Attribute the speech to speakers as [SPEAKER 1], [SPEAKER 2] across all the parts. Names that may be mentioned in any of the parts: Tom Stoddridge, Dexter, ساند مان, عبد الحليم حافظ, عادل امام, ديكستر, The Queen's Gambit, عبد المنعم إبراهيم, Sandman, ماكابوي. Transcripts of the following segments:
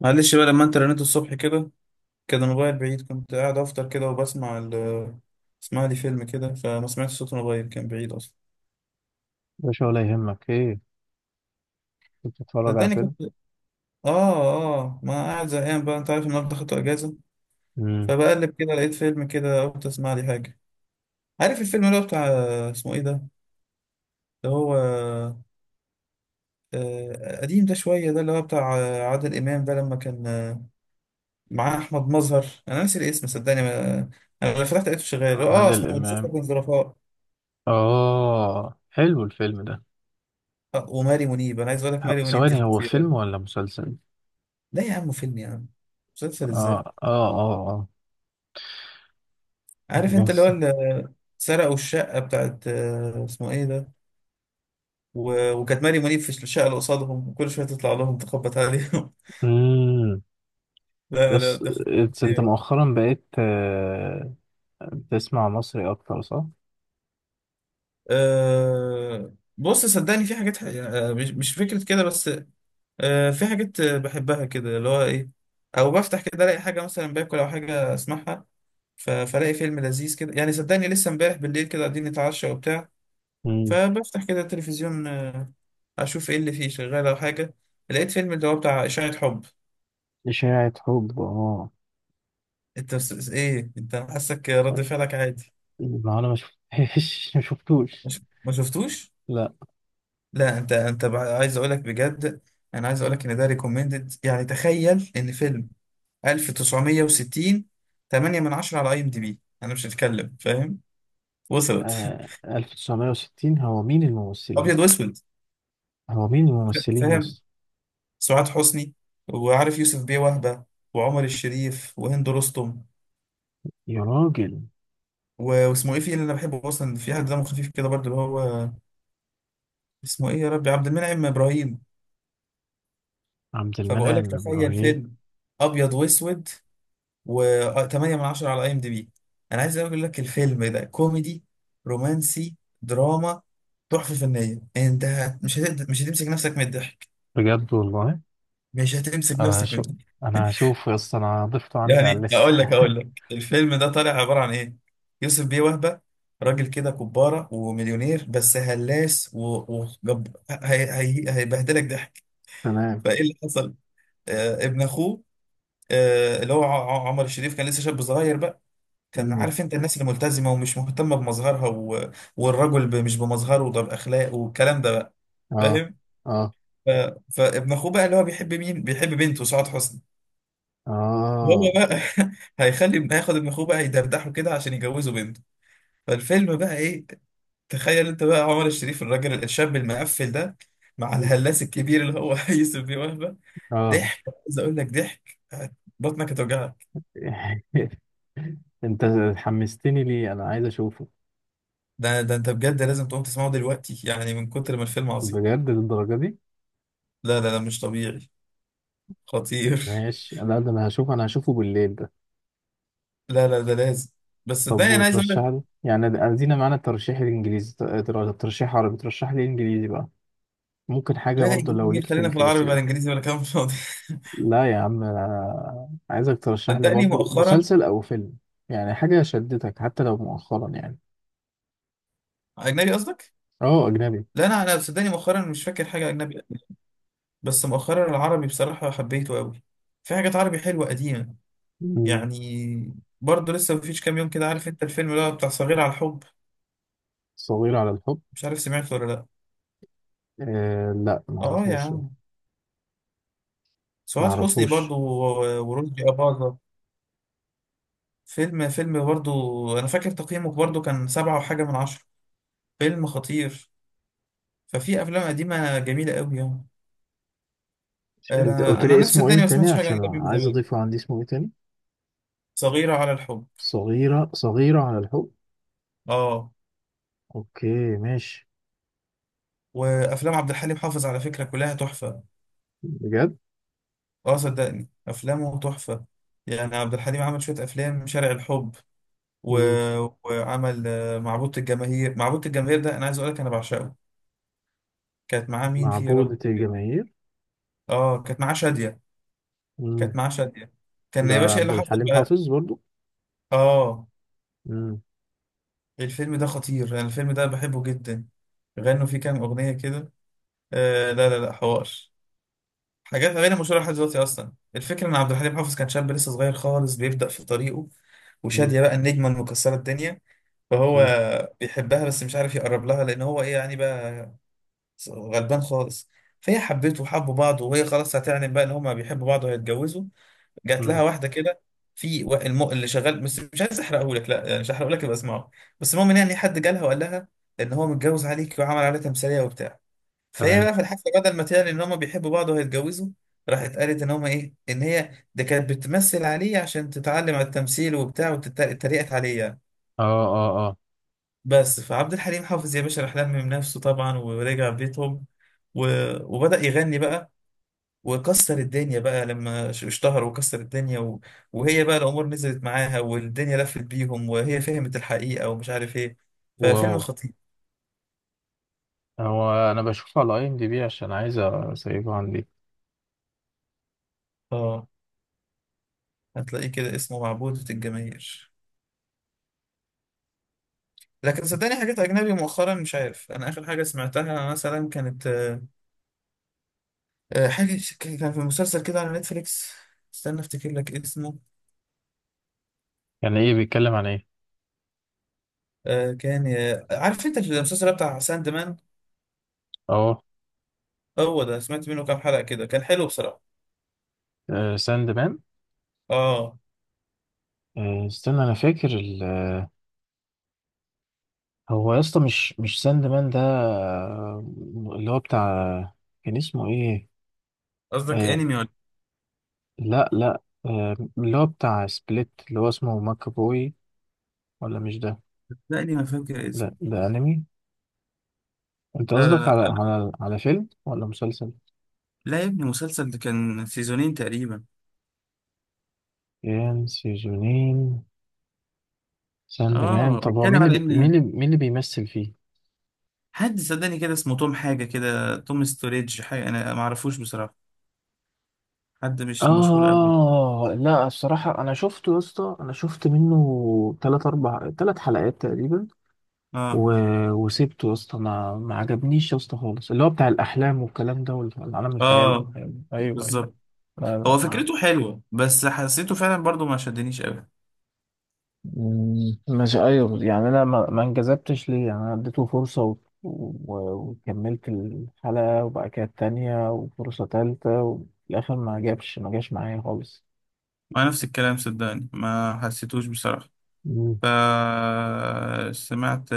[SPEAKER 1] معلش بقى لما انت رنيت الصبح كده كان الموبايل بعيد، كنت قاعد افطر كده وبسمع اسمع لي فيلم كده، فما سمعتش صوت الموبايل، كان بعيد اصلا.
[SPEAKER 2] مش ولا يهمك ايه. كنت بتتفرج على
[SPEAKER 1] صدقني كنت
[SPEAKER 2] فيلم؟
[SPEAKER 1] اه. اه ما قاعد زهقان بقى، انت عارف النهارده خدت اجازه،
[SPEAKER 2] امم
[SPEAKER 1] فبقلب كده لقيت فيلم كده، قلت اسمع لي حاجه. عارف الفيلم اللي هو بتاع، اسمه ايه ده، اللي هو قديم ده شويه، ده اللي هو بتاع عادل امام ده لما كان معاه احمد مظهر، انا ناسي الاسم صدقني ما... انا لما فتحت لقيته شغال، اه
[SPEAKER 2] عادل
[SPEAKER 1] اسمه مسلسل
[SPEAKER 2] امام.
[SPEAKER 1] الظرفاء.
[SPEAKER 2] اه حلو الفيلم ده.
[SPEAKER 1] وماري منيب، انا عايز اقول لك ماري منيب دي
[SPEAKER 2] ثواني، هو
[SPEAKER 1] خطيره.
[SPEAKER 2] فيلم ولا مسلسل؟
[SPEAKER 1] لا يا عم فيلم يا عم، مسلسل ازاي؟
[SPEAKER 2] اه اه اه اه.
[SPEAKER 1] عارف انت
[SPEAKER 2] يس.
[SPEAKER 1] سرقوا الشقه بتاعت اسمه ايه ده، وكانت ماري منيب في الشقه اللي قصادهم وكل شويه تطلع لهم تخبط عليهم.
[SPEAKER 2] امم
[SPEAKER 1] لا لا
[SPEAKER 2] يس.
[SPEAKER 1] ده خطيره
[SPEAKER 2] انت
[SPEAKER 1] خطيرة.
[SPEAKER 2] مؤخرا بقيت بتسمع مصري اكتر، صح؟
[SPEAKER 1] أه بص صدقني في حاجات مش فكره كده بس. أه في حاجات بحبها كده اللي هو ايه، او بفتح كده الاقي حاجه، مثلا باكل او حاجه اسمعها. فالاقي فيلم لذيذ كده، يعني صدقني لسه امبارح بالليل كده قاعدين نتعشى وبتاع،
[SPEAKER 2] امم
[SPEAKER 1] فبفتح كده التلفزيون اشوف ايه اللي فيه شغال او حاجه، لقيت فيلم اللي هو بتاع اشاعه حب.
[SPEAKER 2] اشاعة حب، اه.
[SPEAKER 1] انت بس ايه انت، أنا حاسك رد فعلك عادي.
[SPEAKER 2] ما انا ما شفتهاش ما شفتوش.
[SPEAKER 1] مش ما شفتوش؟
[SPEAKER 2] لا.
[SPEAKER 1] لا انت انت عايز اقولك بجد، انا عايز اقولك ان ده ريكومندد، يعني تخيل ان فيلم 1960، 8 من 10 على اي ام دي بي، انا مش هتكلم، فاهم؟ وصلت.
[SPEAKER 2] آه، 1960؟ هو مين الممثلين؟
[SPEAKER 1] ابيض واسود،
[SPEAKER 2] هو مين الممثلين يا
[SPEAKER 1] فاهم؟
[SPEAKER 2] اسطى؟
[SPEAKER 1] سعاد حسني، وعارف يوسف بيه وهبه، وعمر الشريف وهند رستم،
[SPEAKER 2] يا راجل،
[SPEAKER 1] واسمه ايه، في اللي انا بحبه اصلا، في حد دمه خفيف كده برضه اللي هو اسمه ايه يا ربي، عبد المنعم ابراهيم.
[SPEAKER 2] عبد
[SPEAKER 1] فبقول لك
[SPEAKER 2] المنعم
[SPEAKER 1] تخيل
[SPEAKER 2] إبراهيم.
[SPEAKER 1] فيلم ابيض واسود، و8 من 10 على اي ام دي بي. انا عايز اقول لك الفيلم ده كوميدي، رومانسي، دراما، تحفه فنيه. انت مش هتمسك نفسك من الضحك،
[SPEAKER 2] بجد والله؟
[SPEAKER 1] مش هتمسك
[SPEAKER 2] أنا
[SPEAKER 1] نفسك من
[SPEAKER 2] هشوف،
[SPEAKER 1] الضحك.
[SPEAKER 2] أنا هشوف يا اسطى، أنا ضفته عندي على
[SPEAKER 1] يعني
[SPEAKER 2] الليستة.
[SPEAKER 1] اقول لك الفيلم ده طالع عباره عن ايه. يوسف بيه وهبه، راجل كده كباره ومليونير بس هلاس، وجب هيبهدلك ضحك.
[SPEAKER 2] تمام.
[SPEAKER 1] فايه اللي حصل؟ آه ابن اخوه، آه اللي هو عمر الشريف، كان لسه شاب صغير بقى. كان
[SPEAKER 2] مم.
[SPEAKER 1] عارف انت الناس اللي ملتزمه ومش مهتمه بمظهرها و... والرجل ب... مش بمظهره ده، باخلاقه والكلام ده بقى،
[SPEAKER 2] اه
[SPEAKER 1] فاهم؟
[SPEAKER 2] اه
[SPEAKER 1] ف... فابن اخوه بقى اللي هو بيحب مين، بيحب بنته سعاد حسني.
[SPEAKER 2] اه.
[SPEAKER 1] هو بقى هيخلي هياخد ابن اخوه بقى يدردحه كده عشان يجوزه بنت. فالفيلم بقى ايه؟ تخيل انت بقى عمر الشريف الراجل الشاب المقفل ده، مع
[SPEAKER 2] مم.
[SPEAKER 1] الهلاس الكبير اللي هو يوسف بيه وهبة،
[SPEAKER 2] اه.
[SPEAKER 1] ضحك. عايز اقول لك ضحك، بطنك هتوجعك.
[SPEAKER 2] أنت حمستني، ليه أنا عايز أشوفه؟
[SPEAKER 1] ده ده انت بجد لازم تقوم تسمعه دلوقتي، يعني من كتر ما الفيلم عظيم.
[SPEAKER 2] بجد للدرجة دي؟
[SPEAKER 1] لا لا لا، مش طبيعي، خطير.
[SPEAKER 2] ماشي، لا ده أنا هشوفه، أنا هشوفه بالليل ده.
[SPEAKER 1] لا لا ده لازم، بس
[SPEAKER 2] طب
[SPEAKER 1] صدقني انا عايز اقول
[SPEAKER 2] وترشح
[SPEAKER 1] لك.
[SPEAKER 2] لي يعني، أدينا معانا الترشيح الإنجليزي. ترشيح عربي، ترشح لي إنجليزي بقى. ممكن حاجة
[SPEAKER 1] لا لا
[SPEAKER 2] برضه
[SPEAKER 1] انجليزي
[SPEAKER 2] لو
[SPEAKER 1] مين،
[SPEAKER 2] ليك في
[SPEAKER 1] خلينا في العربي بقى،
[SPEAKER 2] الكلاسيك.
[SPEAKER 1] الانجليزي ولا كلام فاضي.
[SPEAKER 2] لا يا عم، أنا عايزك ترشح لي
[SPEAKER 1] صدقني
[SPEAKER 2] برضو
[SPEAKER 1] مؤخرا،
[SPEAKER 2] مسلسل أو فيلم. يعني حاجة شدتك حتى لو مؤخرا يعني.
[SPEAKER 1] اجنبي قصدك؟
[SPEAKER 2] اه أجنبي.
[SPEAKER 1] لا انا انا صدقني مؤخرا مش فاكر حاجه اجنبي، بس مؤخرا العربي بصراحة حبيته قوي، في حاجات عربي حلوة قديمة
[SPEAKER 2] مم.
[SPEAKER 1] يعني. برضه لسه مفيش كام يوم كده، عارف انت الفيلم اللي هو بتاع صغير على الحب؟
[SPEAKER 2] صغير على الحب؟
[SPEAKER 1] مش عارف سمعته ولا لا.
[SPEAKER 2] آه لا،
[SPEAKER 1] اه يا
[SPEAKER 2] معرفوش ده.
[SPEAKER 1] عم، سعاد حسني
[SPEAKER 2] معرفوش.
[SPEAKER 1] برضه ورشدي أباظة. فيلم فيلم برضه، انا فاكر تقييمه برضه كان سبعة وحاجة من عشرة، فيلم خطير. ففي افلام قديمة جميلة قوي يعني.
[SPEAKER 2] أنت
[SPEAKER 1] انا
[SPEAKER 2] قلت
[SPEAKER 1] انا
[SPEAKER 2] لي
[SPEAKER 1] نفسي
[SPEAKER 2] اسمه إيه
[SPEAKER 1] الدنيا ما
[SPEAKER 2] تاني
[SPEAKER 1] سمعتش حاجة
[SPEAKER 2] عشان
[SPEAKER 1] اجنبي من
[SPEAKER 2] عايز
[SPEAKER 1] زمان.
[SPEAKER 2] أضيفه عندي، اسمه إيه تاني؟
[SPEAKER 1] صغيرة على الحب،
[SPEAKER 2] صغيرة، صغيرة على الحب.
[SPEAKER 1] اه.
[SPEAKER 2] أوكي ماشي.
[SPEAKER 1] وافلام عبد الحليم حافظ على فكرة كلها تحفة.
[SPEAKER 2] بجد؟
[SPEAKER 1] اه صدقني افلامه تحفه، يعني عبد الحليم عمل شويه افلام، شارع الحب و...
[SPEAKER 2] مم.
[SPEAKER 1] وعمل معبود الجماهير. معبود الجماهير ده انا عايز اقول لك انا بعشقه. كانت معاه مين فيه يا رب؟
[SPEAKER 2] معبودة الجماهير.
[SPEAKER 1] اه كانت معاه شاديه، كانت
[SPEAKER 2] مم.
[SPEAKER 1] معاه شاديه. كان
[SPEAKER 2] ده
[SPEAKER 1] يا باشا ايه
[SPEAKER 2] عبد
[SPEAKER 1] اللي حصل
[SPEAKER 2] الحليم
[SPEAKER 1] بقى؟
[SPEAKER 2] حافظ برضو؟
[SPEAKER 1] اه.
[SPEAKER 2] مم.
[SPEAKER 1] الفيلم ده خطير، انا الفيلم ده بحبه جدا. غنوا فيه كام اغنيه كده لا لا لا، حوار، حاجات غير مشهوره لحد دلوقتي. اصلا الفكره ان عبد الحليم حافظ كان شاب لسه صغير خالص بيبدا في طريقه،
[SPEAKER 2] مم.
[SPEAKER 1] وشادية بقى النجمة المكسرة الدنيا. فهو
[SPEAKER 2] مم.
[SPEAKER 1] بيحبها بس مش عارف يقرب لها، لان هو ايه يعني بقى، غلبان خالص. فهي حبته وحبوا بعض، وهي خلاص هتعلن بقى ان هما بيحبوا بعض وهيتجوزوا. جات لها
[SPEAKER 2] مم.
[SPEAKER 1] واحده كده، في اللي شغال، بس مش عايز احرقه لك، لا يعني مش هحرقه لك، يبقى اسمعه. بس المهم إن يعني حد جالها وقال لها ان هو متجوز عليك، وعمل عليها تمثيليه وبتاع. فهي
[SPEAKER 2] تمام.
[SPEAKER 1] بقى في الحفله بدل ما تعلن ان هما بيحبوا بعض وهيتجوزوا، راحت قالت ان هما ايه، ان هي ده كانت بتمثل عليه عشان تتعلم على التمثيل وبتاع، وتتريقت عليه يعني.
[SPEAKER 2] اه اه اه.
[SPEAKER 1] بس فعبد الحليم حافظ يا باشا راح لمم نفسه طبعا ورجع بيتهم و... وبدأ يغني بقى، وكسر الدنيا بقى، لما اشتهر وكسر الدنيا و... وهي بقى الأمور نزلت معاها، والدنيا لفت بيهم وهي فهمت الحقيقة ومش عارف ايه.
[SPEAKER 2] واو.
[SPEAKER 1] ففيلم خطير.
[SPEAKER 2] هو انا بشوفه على اي ام دي بي عشان عايز اسيبه عندي.
[SPEAKER 1] اه، هتلاقيه كده اسمه معبودة الجماهير. لكن صدقني حاجات أجنبي مؤخرا، مش عارف، أنا آخر حاجة سمعتها مثلا كانت حاجة كان في مسلسل كده على نتفليكس. استنى افتكر لك اسمه.
[SPEAKER 2] يعني ايه؟ بيتكلم عن ايه؟
[SPEAKER 1] آه كان آه، عارف انت المسلسل بتاع ساند مان؟
[SPEAKER 2] اه.
[SPEAKER 1] هو ده سمعت منه كام حلقة كده، كان حلو بصراحة.
[SPEAKER 2] ساند مان؟
[SPEAKER 1] اه،
[SPEAKER 2] استنى انا فاكر ال... آه، هو يا اسطى مش ساند مان ده، اللي هو بتاع، كان اسمه ايه؟
[SPEAKER 1] قصدك
[SPEAKER 2] آه.
[SPEAKER 1] انمي ولا؟
[SPEAKER 2] لا آه، اللي هو بتاع سبليت اللي هو اسمه ماكابوي، ولا مش ده؟
[SPEAKER 1] لا انمي ما فاكر
[SPEAKER 2] لا
[SPEAKER 1] اسمه.
[SPEAKER 2] ده انمي. انت
[SPEAKER 1] لا لا
[SPEAKER 2] قصدك
[SPEAKER 1] لا
[SPEAKER 2] على على فيلم ولا مسلسل؟
[SPEAKER 1] لا يا ابني مسلسل، ده كان سيزونين تقريبا.
[SPEAKER 2] كان سيزونين؟ ساند مان،
[SPEAKER 1] اه
[SPEAKER 2] طب هو
[SPEAKER 1] بيتكلم
[SPEAKER 2] مين
[SPEAKER 1] على
[SPEAKER 2] مين
[SPEAKER 1] ان
[SPEAKER 2] اللي مين اللي بيمثل فيه؟
[SPEAKER 1] حد، صدقني كده اسمه توم حاجة كده، توم ستوريدج حاجة، انا ما اعرفوش بصراحة، حد مش مشهور قوي.
[SPEAKER 2] اه. لا الصراحة انا شفته يا اسطى، انا شفت منه تلات اربع، تلات حلقات تقريبا.
[SPEAKER 1] اه
[SPEAKER 2] و... وسبته يا اسطى، ما عجبنيش يا اسطى خالص، اللي هو بتاع الاحلام والكلام ده والعالم الخيالي
[SPEAKER 1] اه،
[SPEAKER 2] والكلام ده. ايوه ايوه.
[SPEAKER 1] بالظبط.
[SPEAKER 2] لا لا
[SPEAKER 1] هو
[SPEAKER 2] ما
[SPEAKER 1] فكرته حلوة بس حسيته فعلا برضو ما شدنيش قوي.
[SPEAKER 2] مم، مش يعني انا ما انجذبتش ليه، يعني انا اديته فرصة و... و... وكملت الحلقة وبعد كده التانية وفرصة تالتة وفي الاخر ما جاش معايا خالص.
[SPEAKER 1] مع نفس الكلام، صدقني ما حسيتوش بصراحة.
[SPEAKER 2] مم.
[SPEAKER 1] فسمعت،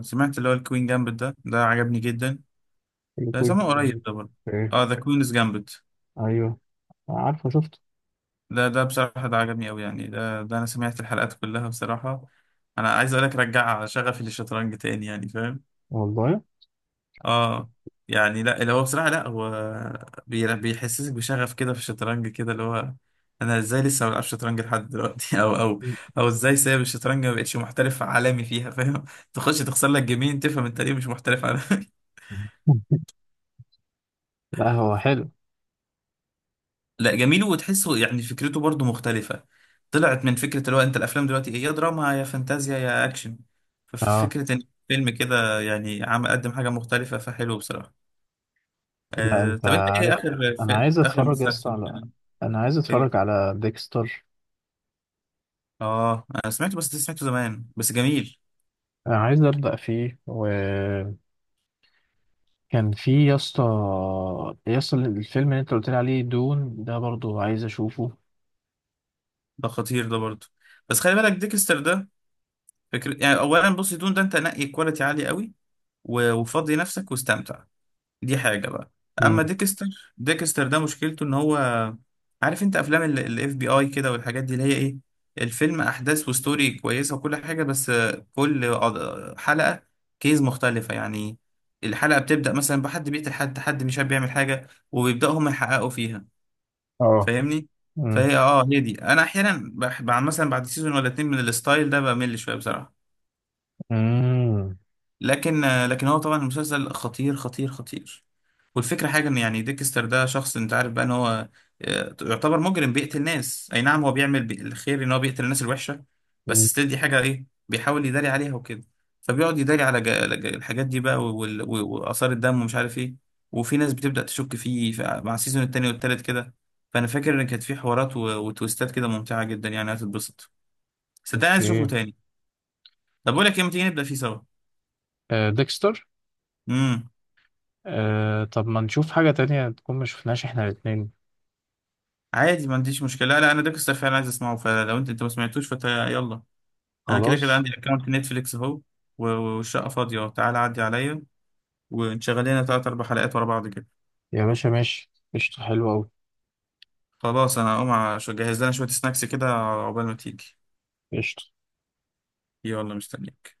[SPEAKER 1] سمعت اللي هو الكوين جامبت، ده ده عجبني جدا،
[SPEAKER 2] اللي
[SPEAKER 1] ده
[SPEAKER 2] كويس
[SPEAKER 1] سامعه قريب
[SPEAKER 2] يعني.
[SPEAKER 1] ده برضه.
[SPEAKER 2] ايه؟
[SPEAKER 1] اه ذا كوينز جامبت،
[SPEAKER 2] ايوه، عارفه شفته.
[SPEAKER 1] ده ده بصراحة ده عجبني أوي، يعني ده ده أنا سمعت الحلقات كلها بصراحة. أنا عايز أقولك رجع شغفي للشطرنج تاني، يعني فاهم؟
[SPEAKER 2] والله؟
[SPEAKER 1] اه يعني لا اللي هو بصراحة، لا هو بيحسسك بشغف كده في الشطرنج كده اللي هو، انا ازاي لسه ما بلعبش شطرنج لحد دلوقتي او او او ازاي سايب الشطرنج ما بقتش محترف عالمي فيها فاهم؟ تخش تخسر لك جيمين تفهم انت ليه مش محترف عالمي.
[SPEAKER 2] لا هو حلو.
[SPEAKER 1] لا جميل وتحسه، يعني فكرته برضو مختلفة، طلعت من فكرة اللي هو انت الافلام دلوقتي ايه، يا دراما يا فانتازيا يا اكشن. ففي
[SPEAKER 2] اه.
[SPEAKER 1] فكرة ان فيلم كده يعني عم قدم حاجة مختلفة، فحلو بصراحة.
[SPEAKER 2] لا
[SPEAKER 1] آه
[SPEAKER 2] انت
[SPEAKER 1] طب انت ايه
[SPEAKER 2] عارف،
[SPEAKER 1] اخر،
[SPEAKER 2] انا عايز
[SPEAKER 1] اخر
[SPEAKER 2] اتفرج يا اسطى
[SPEAKER 1] مسلسل
[SPEAKER 2] على، انا عايز
[SPEAKER 1] كده؟
[SPEAKER 2] اتفرج على ديكستر.
[SPEAKER 1] اه انا سمعته، بس ده سمعته زمان، بس جميل.
[SPEAKER 2] انا عايز ابدا فيه، وكان في يا اسطى، يا اسطى الفيلم اللي انت قلت لي عليه دون ده برضو عايز اشوفه.
[SPEAKER 1] ده خطير ده برضه. بس خلي بالك ديكستر ده، فكرة يعني. اولا بص دون ده انت نقي كواليتي عالي قوي، وفضي نفسك واستمتع، دي حاجة بقى. اما
[SPEAKER 2] مم.
[SPEAKER 1] ديكستر، ديكستر ده مشكلته ان هو، عارف انت افلام الاف بي اي كده والحاجات دي اللي هي ايه، الفيلم احداث وستوري كويسة وكل حاجة، بس كل حلقة كيز مختلفة يعني، الحلقة بتبدأ مثلا بحد بيقتل حد، حد مش عارف بيعمل حاجة، وبيبدأوا هم يحققوا فيها،
[SPEAKER 2] اه.
[SPEAKER 1] فاهمني؟
[SPEAKER 2] مم.
[SPEAKER 1] فهي اه هي دي انا احيانا بعد مثلا بعد سيزون ولا اتنين من الستايل ده بمل شويه بصراحه.
[SPEAKER 2] مم.
[SPEAKER 1] لكن لكن هو طبعا المسلسل خطير خطير خطير. والفكرة حاجة ان يعني ديكستر ده شخص، انت عارف بقى ان هو يعتبر مجرم بيقتل ناس، اي نعم هو بيعمل الخير ان هو بيقتل الناس الوحشة، بس ستيل دي حاجة ايه بيحاول يداري عليها وكده. فبيقعد يداري على الحاجات دي بقى، وآثار الدم ومش عارف ايه، وفي ناس بتبدأ تشك فيه مع السيزون التاني والتالت كده. فانا فاكر ان كانت في حوارات وتويستات كده ممتعة جدا، يعني هتتبسط. صدقني عايز اشوفه
[SPEAKER 2] اوكي.
[SPEAKER 1] تاني. طب بقول لك ايه، ما تيجي نبدأ فيه سوا؟
[SPEAKER 2] آه، ديكستر.
[SPEAKER 1] امم
[SPEAKER 2] آه، طب ما نشوف حاجة تانية تكون ما شفناش احنا الاتنين.
[SPEAKER 1] عادي ما عنديش مشكلة، لا لا انا ديكستر فعلا عايز اسمعه، فلو انت ما سمعتوش فتا يلا. انا كده كده
[SPEAKER 2] خلاص.
[SPEAKER 1] عندي اكونت نتفليكس اهو، والشقه فاضيه اهو. تعال عدي عليا، ونشغل لنا تلات اربع حلقات ورا بعض كده.
[SPEAKER 2] يا باشا ماشي قشطة، حلوة أوي.
[SPEAKER 1] خلاص انا هقوم اجهز لنا شويه سناكس كده عقبال ما تيجي.
[SPEAKER 2] قشطة.
[SPEAKER 1] يلا مستنيك.